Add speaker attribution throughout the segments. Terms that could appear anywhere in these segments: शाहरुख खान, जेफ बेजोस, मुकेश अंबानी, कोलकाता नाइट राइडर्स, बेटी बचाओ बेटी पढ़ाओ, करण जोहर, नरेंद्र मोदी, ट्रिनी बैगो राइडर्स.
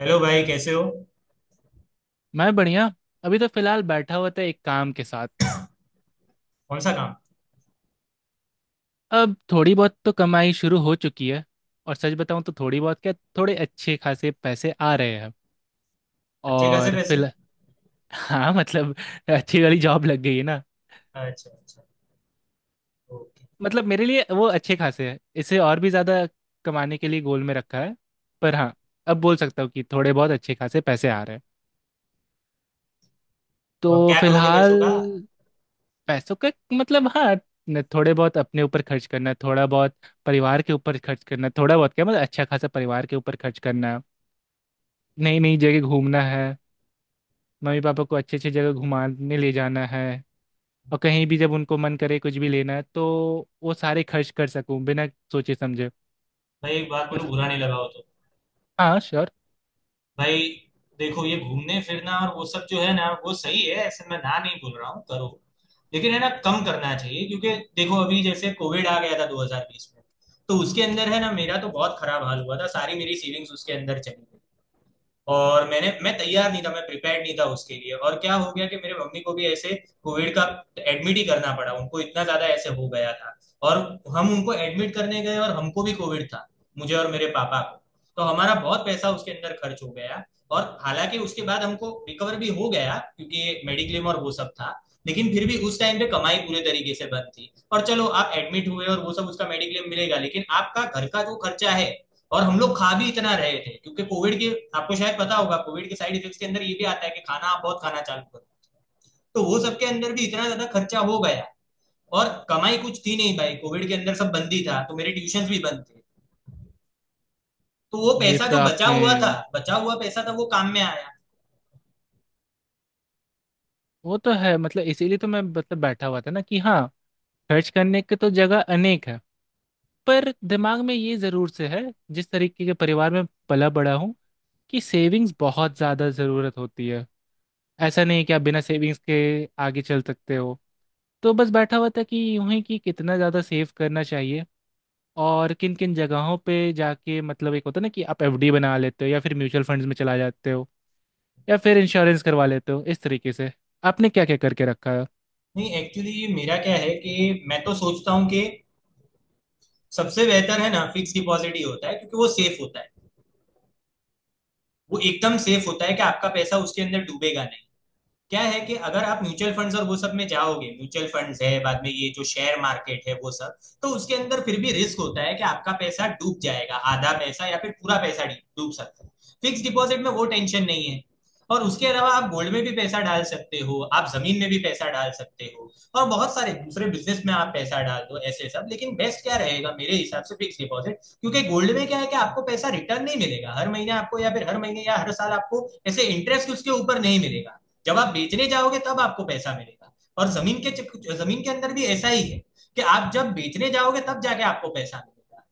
Speaker 1: Hello भाई कैसे हो।
Speaker 2: मैं बढ़िया। अभी तो फिलहाल बैठा हुआ था एक काम के साथ।
Speaker 1: कौन सा काम।
Speaker 2: अब थोड़ी बहुत तो कमाई शुरू हो चुकी है। और सच बताऊं तो थोड़ी बहुत क्या, थोड़े अच्छे खासे पैसे आ रहे हैं।
Speaker 1: अच्छे खासे
Speaker 2: और
Speaker 1: पैसे।
Speaker 2: फिल हाँ, मतलब अच्छी वाली जॉब लग गई है ना।
Speaker 1: अच्छा अच्छा। ओके।
Speaker 2: मतलब मेरे लिए वो अच्छे खासे हैं, इसे और भी ज़्यादा कमाने के लिए गोल में रखा है। पर हाँ, अब बोल सकता हूँ कि थोड़े बहुत अच्छे खासे पैसे आ रहे हैं।
Speaker 1: तो अब
Speaker 2: तो
Speaker 1: क्या करोगे
Speaker 2: फिलहाल
Speaker 1: पैसों का।
Speaker 2: पैसों का मतलब हाँ, थोड़े बहुत अपने ऊपर खर्च करना, थोड़ा बहुत परिवार के ऊपर खर्च करना, थोड़ा बहुत क्या मतलब अच्छा खासा परिवार के ऊपर खर्च करना। नई नई जगह घूमना है, मम्मी पापा को अच्छी अच्छी जगह घुमाने ले जाना है। और कहीं भी जब उनको मन करे कुछ भी लेना है, तो वो सारे खर्च कर सकूं बिना सोचे समझे।
Speaker 1: भाई एक बात बोलो
Speaker 2: मतलब
Speaker 1: बुरा नहीं लगाओ तो।
Speaker 2: हाँ, श्योर।
Speaker 1: भाई देखो, ये घूमने फिरना और वो सब जो है ना वो सही है, ऐसे मैं ना नहीं बोल रहा हूँ, करो। लेकिन है ना कम करना चाहिए, क्योंकि देखो अभी जैसे कोविड आ गया था 2020 में, तो उसके अंदर है ना मेरा तो बहुत खराब हाल हुआ था, सारी मेरी सेविंग्स उसके अंदर चली गई। और मैं तैयार नहीं था, मैं प्रिपेयर्ड नहीं था उसके लिए। और क्या हो गया कि मेरे मम्मी को भी ऐसे कोविड का एडमिट ही करना पड़ा, उनको इतना ज्यादा ऐसे हो गया था। और हम उनको एडमिट करने गए और हमको भी कोविड था, मुझे और मेरे पापा को। तो हमारा बहुत पैसा उसके अंदर खर्च हो गया। और हालांकि उसके बाद हमको रिकवर भी हो गया, क्योंकि मेडिक्लेम और वो सब था, लेकिन फिर भी उस टाइम पे कमाई पूरे तरीके से बंद थी। और चलो आप एडमिट हुए और वो सब, उसका मेडिक्लेम मिलेगा, लेकिन आपका घर का जो खर्चा है। और हम लोग खा भी इतना रहे थे क्योंकि कोविड के, आपको शायद पता होगा कोविड के साइड इफेक्ट्स के अंदर ये भी आता है कि खाना आप बहुत खाना चालू करो। तो वो सबके अंदर भी इतना ज्यादा खर्चा हो गया। और कमाई कुछ थी नहीं भाई, कोविड के अंदर सब बंद ही था, तो मेरे ट्यूशन भी बंद थे। तो वो
Speaker 2: ये
Speaker 1: पैसा
Speaker 2: तो
Speaker 1: जो बचा
Speaker 2: आपने,
Speaker 1: हुआ था बचा हुआ पैसा था वो काम में आया।
Speaker 2: वो तो है मतलब इसीलिए तो मैं मतलब बैठा हुआ था ना कि हाँ, खर्च करने के तो जगह अनेक है। पर दिमाग में ये जरूर से है, जिस तरीके के परिवार में पला बड़ा हूँ, कि सेविंग्स बहुत ज़्यादा ज़रूरत होती है। ऐसा नहीं कि आप बिना सेविंग्स के आगे चल सकते हो। तो बस बैठा हुआ था कि यूं ही कि कितना ज़्यादा सेव करना चाहिए और किन किन जगहों पे जाके, मतलब एक होता है ना कि आप एफडी बना लेते हो या फिर म्यूचुअल फंड्स में चला जाते हो या फिर इंश्योरेंस करवा लेते हो। इस तरीके से आपने क्या क्या करके रखा है।
Speaker 1: नहीं, एक्चुअली मेरा क्या है कि मैं तो सोचता हूँ कि सबसे बेहतर है ना फिक्स डिपॉजिट ही होता है, क्योंकि वो सेफ होता है। वो एकदम सेफ होता है कि आपका पैसा उसके अंदर डूबेगा नहीं। क्या है कि अगर आप म्यूचुअल फंड्स और वो सब में जाओगे, म्यूचुअल फंड्स है बाद में ये जो शेयर मार्केट है वो सब, तो उसके अंदर फिर भी रिस्क होता है कि आपका पैसा डूब जाएगा, आधा पैसा या फिर पूरा पैसा डूब सकता है। फिक्स डिपॉजिट में वो टेंशन नहीं है। और उसके अलावा आप गोल्ड में भी पैसा डाल सकते हो, आप जमीन में भी पैसा डाल सकते हो। और बहुत सारे दूसरे बिजनेस में आप पैसा डाल दो ऐसे सब, लेकिन बेस्ट क्या रहेगा मेरे हिसाब से फिक्स डिपॉजिट, क्योंकि गोल्ड में क्या है कि आपको पैसा रिटर्न नहीं मिलेगा हर महीने आपको, या फिर हर महीने या हर साल आपको ऐसे इंटरेस्ट उसके ऊपर नहीं मिलेगा। जब आप बेचने जाओगे तब आपको पैसा मिलेगा। और जमीन के अंदर भी ऐसा ही है कि आप जब बेचने जाओगे तब जाके आपको पैसा मिलेगा।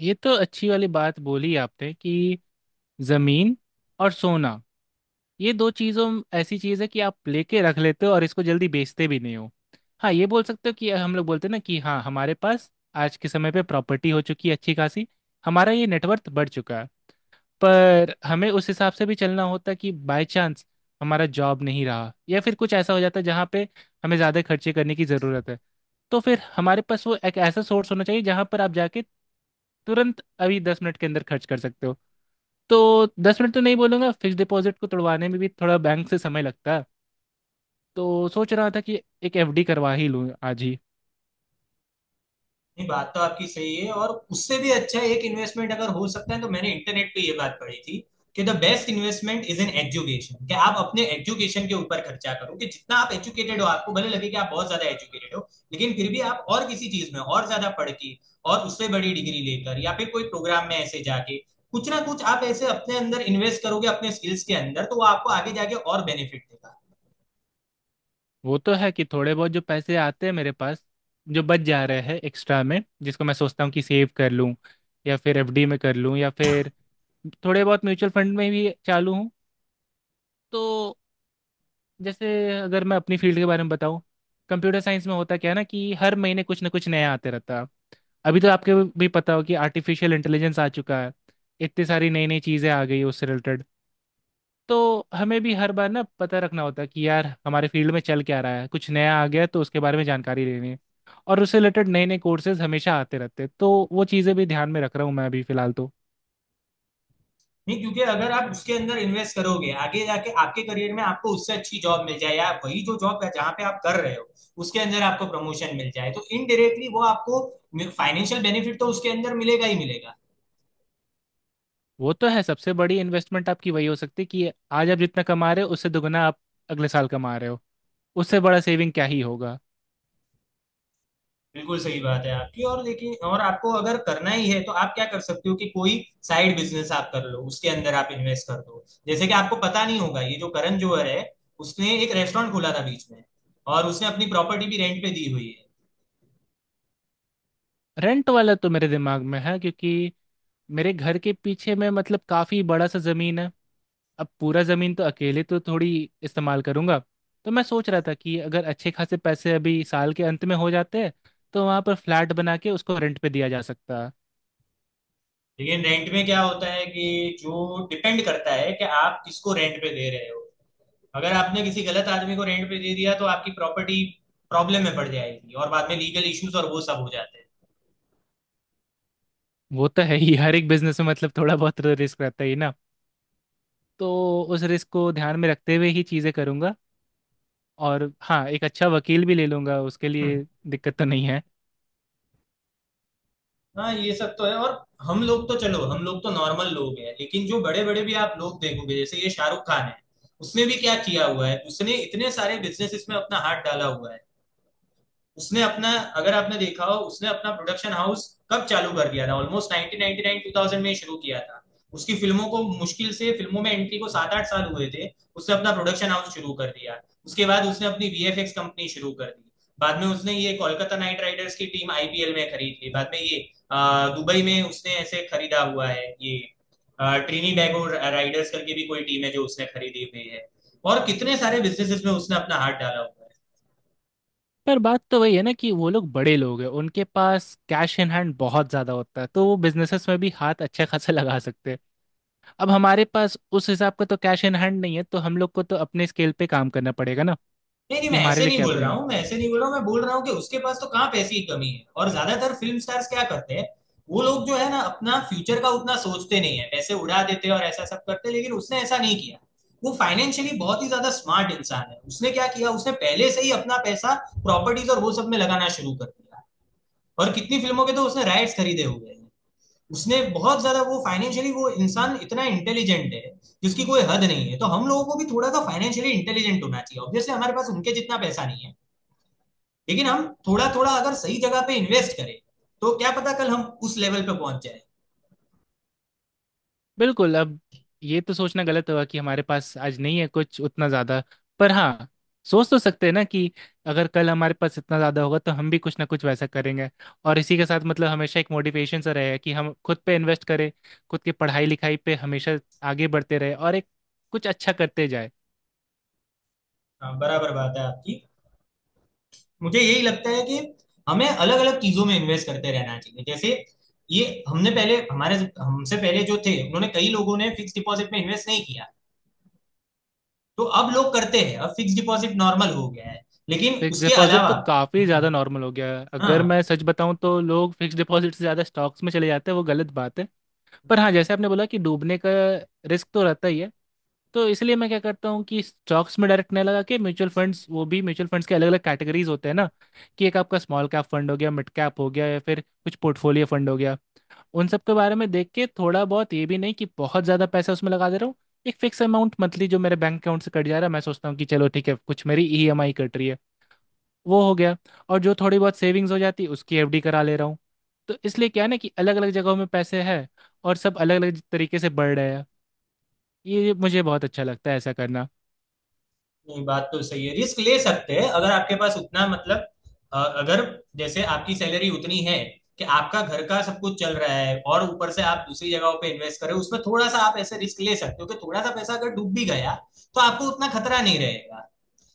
Speaker 2: ये तो अच्छी वाली बात बोली आपने कि ज़मीन और सोना, ये दो चीज़ों में ऐसी चीज़ है कि आप लेके रख लेते हो और इसको जल्दी बेचते भी नहीं हो। हाँ, ये बोल सकते हो कि हम लोग बोलते हैं ना कि हाँ हमारे पास आज के समय पे प्रॉपर्टी हो चुकी है अच्छी खासी, हमारा ये नेटवर्थ बढ़ चुका है। पर हमें उस हिसाब से भी चलना होता कि बाय चांस हमारा जॉब नहीं रहा या फिर कुछ ऐसा हो जाता जहाँ पे हमें ज़्यादा खर्चे करने की ज़रूरत है, तो फिर हमारे पास वो एक ऐसा सोर्स होना चाहिए जहाँ पर आप जाके तुरंत अभी दस मिनट के अंदर खर्च कर सकते हो। तो 10 मिनट तो नहीं बोलूंगा, फिक्स डिपॉजिट को तोड़वाने में भी थोड़ा बैंक से समय लगता है। तो सोच रहा था कि एक एफडी करवा ही लूँ आज ही।
Speaker 1: नहीं, बात तो आपकी सही है। और उससे भी अच्छा एक इन्वेस्टमेंट अगर हो सकता है, तो मैंने इंटरनेट पे ये बात पढ़ी थी कि the best investment is in education, कि आप अपने एजुकेशन के ऊपर खर्चा करो। कि जितना आप एजुकेटेड हो, आपको भले लगे कि आप बहुत ज्यादा एजुकेटेड हो, लेकिन फिर भी आप और किसी चीज में और ज्यादा पढ़ के, और उससे बड़ी डिग्री लेकर या फिर कोई प्रोग्राम में ऐसे जाके कुछ ना कुछ आप ऐसे अपने अंदर इन्वेस्ट करोगे अपने स्किल्स के अंदर, तो वो आपको आगे जाके और बेनिफिट देगा।
Speaker 2: वो तो है कि थोड़े बहुत जो पैसे आते हैं मेरे पास, जो बच जा रहे हैं एक्स्ट्रा में, जिसको मैं सोचता हूँ कि सेव कर लूँ या फिर एफडी में कर लूँ, या फिर थोड़े बहुत म्यूचुअल फंड में भी चालू हूँ। तो जैसे, अगर मैं अपनी फील्ड के बारे में बताऊँ, कंप्यूटर साइंस में होता क्या है ना कि हर महीने कुछ ना कुछ नया आते रहता है। अभी तो आपके भी पता हो कि आर्टिफिशियल इंटेलिजेंस आ चुका है, इतनी सारी नई नई चीज़ें आ गई उससे रिलेटेड। तो हमें भी हर बार ना पता रखना होता है कि यार हमारे फील्ड में चल क्या रहा है, कुछ नया आ गया है, तो उसके बारे में जानकारी लेनी है। और उससे रिलेटेड नए नए कोर्सेज हमेशा आते रहते हैं, तो वो चीज़ें भी ध्यान में रख रहा हूँ मैं अभी फिलहाल तो।
Speaker 1: नहीं, क्योंकि अगर आप उसके अंदर इन्वेस्ट करोगे, आगे जाके आपके करियर में आपको उससे अच्छी जॉब मिल जाए, या वही जो जॉब है जहाँ पे आप कर रहे हो उसके अंदर आपको प्रमोशन मिल जाए, तो इनडायरेक्टली वो आपको फाइनेंशियल बेनिफिट तो उसके अंदर मिलेगा ही मिलेगा।
Speaker 2: वो तो है, सबसे बड़ी इन्वेस्टमेंट आपकी वही हो सकती है कि आज आप जितना कमा रहे हो उससे दुगना आप अगले साल कमा रहे हो। उससे बड़ा सेविंग क्या ही होगा।
Speaker 1: बिल्कुल सही बात है आपकी, और लेकिन और आपको अगर करना ही है तो आप क्या कर सकते हो कि कोई साइड बिजनेस आप कर लो, उसके अंदर आप इन्वेस्ट कर दो। जैसे कि आपको पता नहीं होगा, ये जो करण जोहर है, उसने एक रेस्टोरेंट खोला था बीच में, और उसने अपनी प्रॉपर्टी भी रेंट पे दी हुई है।
Speaker 2: रेंट वाला तो मेरे दिमाग में है क्योंकि मेरे घर के पीछे में मतलब काफ़ी बड़ा सा ज़मीन है। अब पूरा ज़मीन तो अकेले तो थोड़ी इस्तेमाल करूंगा। तो मैं सोच रहा था कि अगर अच्छे खासे पैसे अभी साल के अंत में हो जाते हैं, तो वहाँ पर फ्लैट बना के उसको रेंट पे दिया जा सकता है।
Speaker 1: लेकिन रेंट में क्या होता है कि जो डिपेंड करता है कि आप किसको रेंट पे दे रहे हो। अगर आपने किसी गलत आदमी को रेंट पे दे दिया, तो आपकी प्रॉपर्टी प्रॉब्लम में पड़ जाएगी और बाद में लीगल इश्यूज और वो सब हो जाते हैं।
Speaker 2: वो तो है ही, हर एक बिजनेस में मतलब थोड़ा बहुत तो रिस्क रहता ही ना। तो उस रिस्क को ध्यान में रखते हुए ही चीज़ें करूंगा। और हाँ, एक अच्छा वकील भी ले लूंगा उसके
Speaker 1: हम्म।
Speaker 2: लिए, दिक्कत तो नहीं है।
Speaker 1: हाँ, ये सब तो है। और हम लोग तो, चलो, हम लोग तो नॉर्मल लोग हैं, लेकिन जो बड़े बड़े भी आप लोग देखोगे, जैसे ये शाहरुख खान है, उसने भी क्या किया हुआ है, उसने इतने सारे बिजनेस में अपना हाथ डाला हुआ है। उसने अपना, अगर आपने देखा हो, उसने अपना प्रोडक्शन हाउस कब चालू कर दिया था, ऑलमोस्ट 1999 2000 में शुरू किया था। उसकी फिल्मों को मुश्किल से फिल्मों में एंट्री को 7 8 साल हुए थे, उसने अपना प्रोडक्शन हाउस शुरू कर दिया। उसके बाद उसने अपनी वीएफएक्स कंपनी शुरू कर दी। बाद में उसने ये कोलकाता नाइट राइडर्स की टीम आईपीएल में खरीद ली। बाद में ये अ, दुबई में उसने ऐसे खरीदा हुआ है, ये ट्रिनी बैगो राइडर्स करके भी कोई टीम है जो उसने खरीदी हुई है। और कितने सारे बिजनेसेस में उसने अपना हाथ डाला हुआ है।
Speaker 2: पर बात तो वही है ना कि वो लोग बड़े लोग हैं, उनके पास कैश इन हैंड बहुत ज़्यादा होता है, तो वो बिजनेसेस में भी हाथ अच्छा खासा लगा सकते हैं। अब हमारे पास उस हिसाब का तो कैश इन हैंड नहीं है, तो हम लोग को तो अपने स्केल पे काम करना पड़ेगा ना।
Speaker 1: नहीं नहीं,
Speaker 2: कि
Speaker 1: मैं
Speaker 2: हमारे
Speaker 1: ऐसे
Speaker 2: लिए
Speaker 1: नहीं
Speaker 2: क्या
Speaker 1: बोल
Speaker 2: बने
Speaker 1: रहा
Speaker 2: हो।
Speaker 1: हूँ, मैं ऐसे नहीं बोल रहा हूँ, मैं बोल रहा हूँ कि उसके पास तो कहाँ पैसे की कमी है। और ज्यादातर फिल्म स्टार्स क्या करते हैं, वो लोग जो है ना अपना फ्यूचर का उतना सोचते नहीं है, पैसे उड़ा देते हैं और ऐसा सब करते हैं, लेकिन उसने ऐसा नहीं किया। वो फाइनेंशियली बहुत ही ज्यादा स्मार्ट इंसान है। उसने क्या किया, उसने पहले से ही अपना पैसा प्रॉपर्टीज और वो सब में लगाना शुरू कर दिया। और कितनी फिल्मों के तो उसने राइट्स खरीदे हुए हैं। उसने बहुत ज्यादा वो, फाइनेंशियली वो इंसान इतना इंटेलिजेंट है जिसकी कोई हद नहीं है। तो हम लोगों को भी थोड़ा सा फाइनेंशियली इंटेलिजेंट होना चाहिए। ऑब्वियसली हमारे पास उनके जितना पैसा नहीं है, लेकिन हम थोड़ा थोड़ा अगर सही जगह पे इन्वेस्ट करें, तो क्या पता कल हम उस लेवल पे पहुंच जाए।
Speaker 2: बिल्कुल। अब ये तो सोचना गलत हुआ कि हमारे पास आज नहीं है कुछ उतना ज़्यादा। पर हाँ, सोच तो सकते हैं ना कि अगर कल हमारे पास इतना ज़्यादा होगा तो हम भी कुछ ना कुछ वैसा करेंगे। और इसी के साथ मतलब हमेशा एक मोटिवेशन सा रहेगा कि हम खुद पे इन्वेस्ट करें, खुद की पढ़ाई लिखाई पे हमेशा आगे बढ़ते रहे और एक कुछ अच्छा करते जाए।
Speaker 1: हाँ, बराबर बात है आपकी। मुझे यही लगता है कि हमें अलग अलग चीजों में इन्वेस्ट करते रहना चाहिए। जैसे ये हमने पहले हमारे हमसे पहले जो थे उन्होंने, कई लोगों ने फिक्स डिपॉजिट में इन्वेस्ट नहीं किया। तो अब लोग करते हैं, अब फिक्स डिपॉजिट नॉर्मल हो गया है। लेकिन
Speaker 2: फिक्स
Speaker 1: उसके
Speaker 2: डिपॉजिट
Speaker 1: अलावा
Speaker 2: तो काफ़ी
Speaker 1: हम्म।
Speaker 2: ज़्यादा नॉर्मल हो गया है, अगर
Speaker 1: हाँ।
Speaker 2: मैं सच बताऊं तो लोग फिक्स डिपॉजिट से ज़्यादा स्टॉक्स में चले जाते हैं, वो गलत बात है। पर हाँ, जैसे आपने बोला कि डूबने का रिस्क तो रहता ही है। तो इसलिए मैं क्या करता हूँ कि स्टॉक्स में डायरेक्ट नहीं लगा के म्यूचुअल फंड्स, वो भी म्यूचुअल फंड्स के अलग अलग कैटेगरीज होते हैं ना, कि एक आपका स्मॉल कैप फंड हो गया, मिड कैप हो गया, या फिर कुछ पोर्टफोलियो फंड हो गया। उन सब के बारे में देख के थोड़ा बहुत, ये भी नहीं कि बहुत ज़्यादा पैसा उसमें लगा दे रहा हूँ, एक फिक्स अमाउंट मंथली जो मेरे बैंक अकाउंट से कट जा रहा है, मैं सोचता हूँ कि चलो ठीक है कुछ मेरी ईएमआई कट रही है, वो हो गया। और जो थोड़ी बहुत सेविंग्स हो जाती उसकी एफडी करा ले रहा हूँ। तो इसलिए क्या है ना कि अलग अलग जगहों में पैसे हैं और सब अलग अलग तरीके से बढ़ रहे हैं। ये मुझे बहुत अच्छा लगता है ऐसा करना।
Speaker 1: नहीं, बात तो सही है, रिस्क ले सकते हैं अगर आपके पास उतना मतलब, अगर जैसे आपकी सैलरी उतनी है कि आपका घर का सब कुछ चल रहा है और ऊपर से आप दूसरी जगहों पे इन्वेस्ट कर रहे हो, उसमें थोड़ा सा आप ऐसे रिस्क ले सकते हो कि थोड़ा सा पैसा अगर डूब भी गया तो आपको उतना खतरा नहीं रहेगा।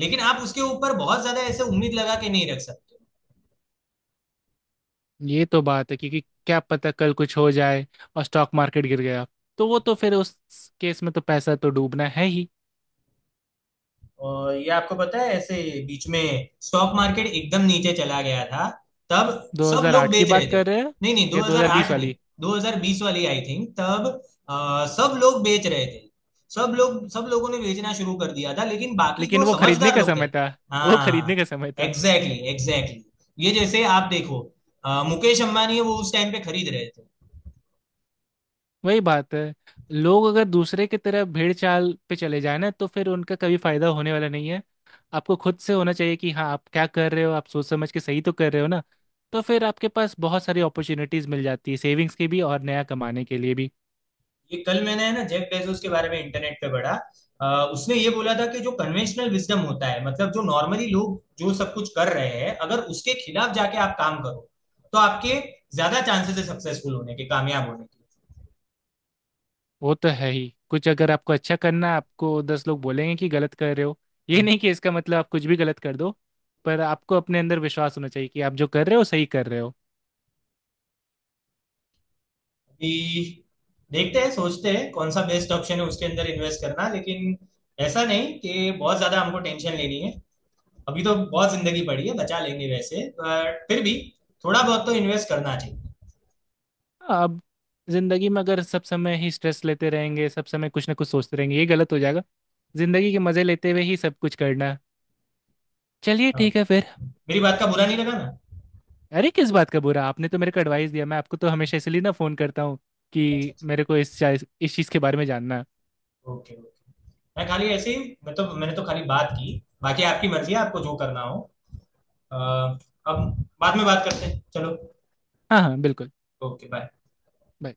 Speaker 1: लेकिन आप उसके ऊपर बहुत ज्यादा ऐसे उम्मीद लगा के नहीं रख सकते।
Speaker 2: ये तो बात है क्योंकि क्या पता कल कुछ हो जाए और स्टॉक मार्केट गिर गया, तो वो तो फिर उस केस में तो पैसा तो डूबना है ही।
Speaker 1: और ये आपको पता है, ऐसे बीच में स्टॉक मार्केट एकदम नीचे चला गया था, तब सब लोग
Speaker 2: 2008 की
Speaker 1: बेच रहे
Speaker 2: बात
Speaker 1: थे।
Speaker 2: कर रहे हैं?
Speaker 1: नहीं नहीं,
Speaker 2: या
Speaker 1: 2008
Speaker 2: 2020
Speaker 1: नहीं,
Speaker 2: वाली?
Speaker 1: 2020 वाली आई थिंक तब। सब लोग बेच रहे थे, सब लोगों ने बेचना शुरू कर दिया था, लेकिन बाकी
Speaker 2: लेकिन
Speaker 1: जो
Speaker 2: वो खरीदने
Speaker 1: समझदार
Speaker 2: का
Speaker 1: लोग थे।
Speaker 2: समय था, वो
Speaker 1: हाँ,
Speaker 2: खरीदने का समय था।
Speaker 1: Exactly exactly. ये जैसे आप देखो, मुकेश अंबानी है, वो उस टाइम पे खरीद रहे थे।
Speaker 2: वही बात है, लोग अगर दूसरे की तरह भेड़ चाल पे चले जाए ना, तो फिर उनका कभी फायदा होने वाला नहीं है। आपको खुद से होना चाहिए कि हाँ आप क्या कर रहे हो, आप सोच समझ के सही तो कर रहे हो ना। तो फिर आपके पास बहुत सारी अपॉर्चुनिटीज मिल जाती है सेविंग्स की भी और नया कमाने के लिए भी।
Speaker 1: ये कल मैंने है ना जेफ बेजोस के बारे में इंटरनेट पे पढ़ा। अ, उसने ये बोला था कि जो कन्वेंशनल विजडम होता है, मतलब जो नॉर्मली लोग जो सब कुछ कर रहे हैं, अगर उसके खिलाफ जाके आप काम करो, तो आपके ज्यादा चांसेस है सक्सेसफुल होने के, कामयाब होने के।
Speaker 2: वो तो है ही, कुछ अगर आपको अच्छा करना है आपको 10 लोग बोलेंगे कि गलत कर रहे हो। ये नहीं कि इसका मतलब आप कुछ भी गलत कर दो, पर आपको अपने अंदर विश्वास होना चाहिए कि आप जो कर रहे हो सही कर रहे हो।
Speaker 1: अभी देखते हैं, सोचते हैं कौन सा बेस्ट ऑप्शन है उसके अंदर इन्वेस्ट करना, लेकिन ऐसा नहीं कि बहुत ज्यादा हमको टेंशन लेनी है। अभी तो बहुत जिंदगी पड़ी है, बचा लेंगे वैसे, बट फिर भी थोड़ा बहुत तो इन्वेस्ट करना चाहिए।
Speaker 2: अब जिंदगी में अगर सब समय ही स्ट्रेस लेते रहेंगे, सब समय कुछ ना कुछ सोचते रहेंगे, ये गलत हो जाएगा। जिंदगी के मजे लेते हुए ही सब कुछ करना है। चलिए
Speaker 1: हाँ।
Speaker 2: ठीक है फिर।
Speaker 1: मेरी बात का बुरा नहीं लगा ना।
Speaker 2: अरे किस बात का बुरा, आपने तो मेरे को एडवाइस दिया। मैं आपको तो हमेशा इसलिए ना फोन करता हूँ
Speaker 1: अच्छा
Speaker 2: कि
Speaker 1: अच्छा।
Speaker 2: मेरे को इस चीज़ के बारे में जानना है।
Speaker 1: Okay okay. मैं खाली ऐसे ही, मैंने तो खाली बात की। बाकी आपकी मर्जी है, आपको जो करना हो। अ, अब बाद में बात करते हैं चलो।
Speaker 2: हाँ हाँ, बिल्कुल।
Speaker 1: Okay bye.
Speaker 2: Bye.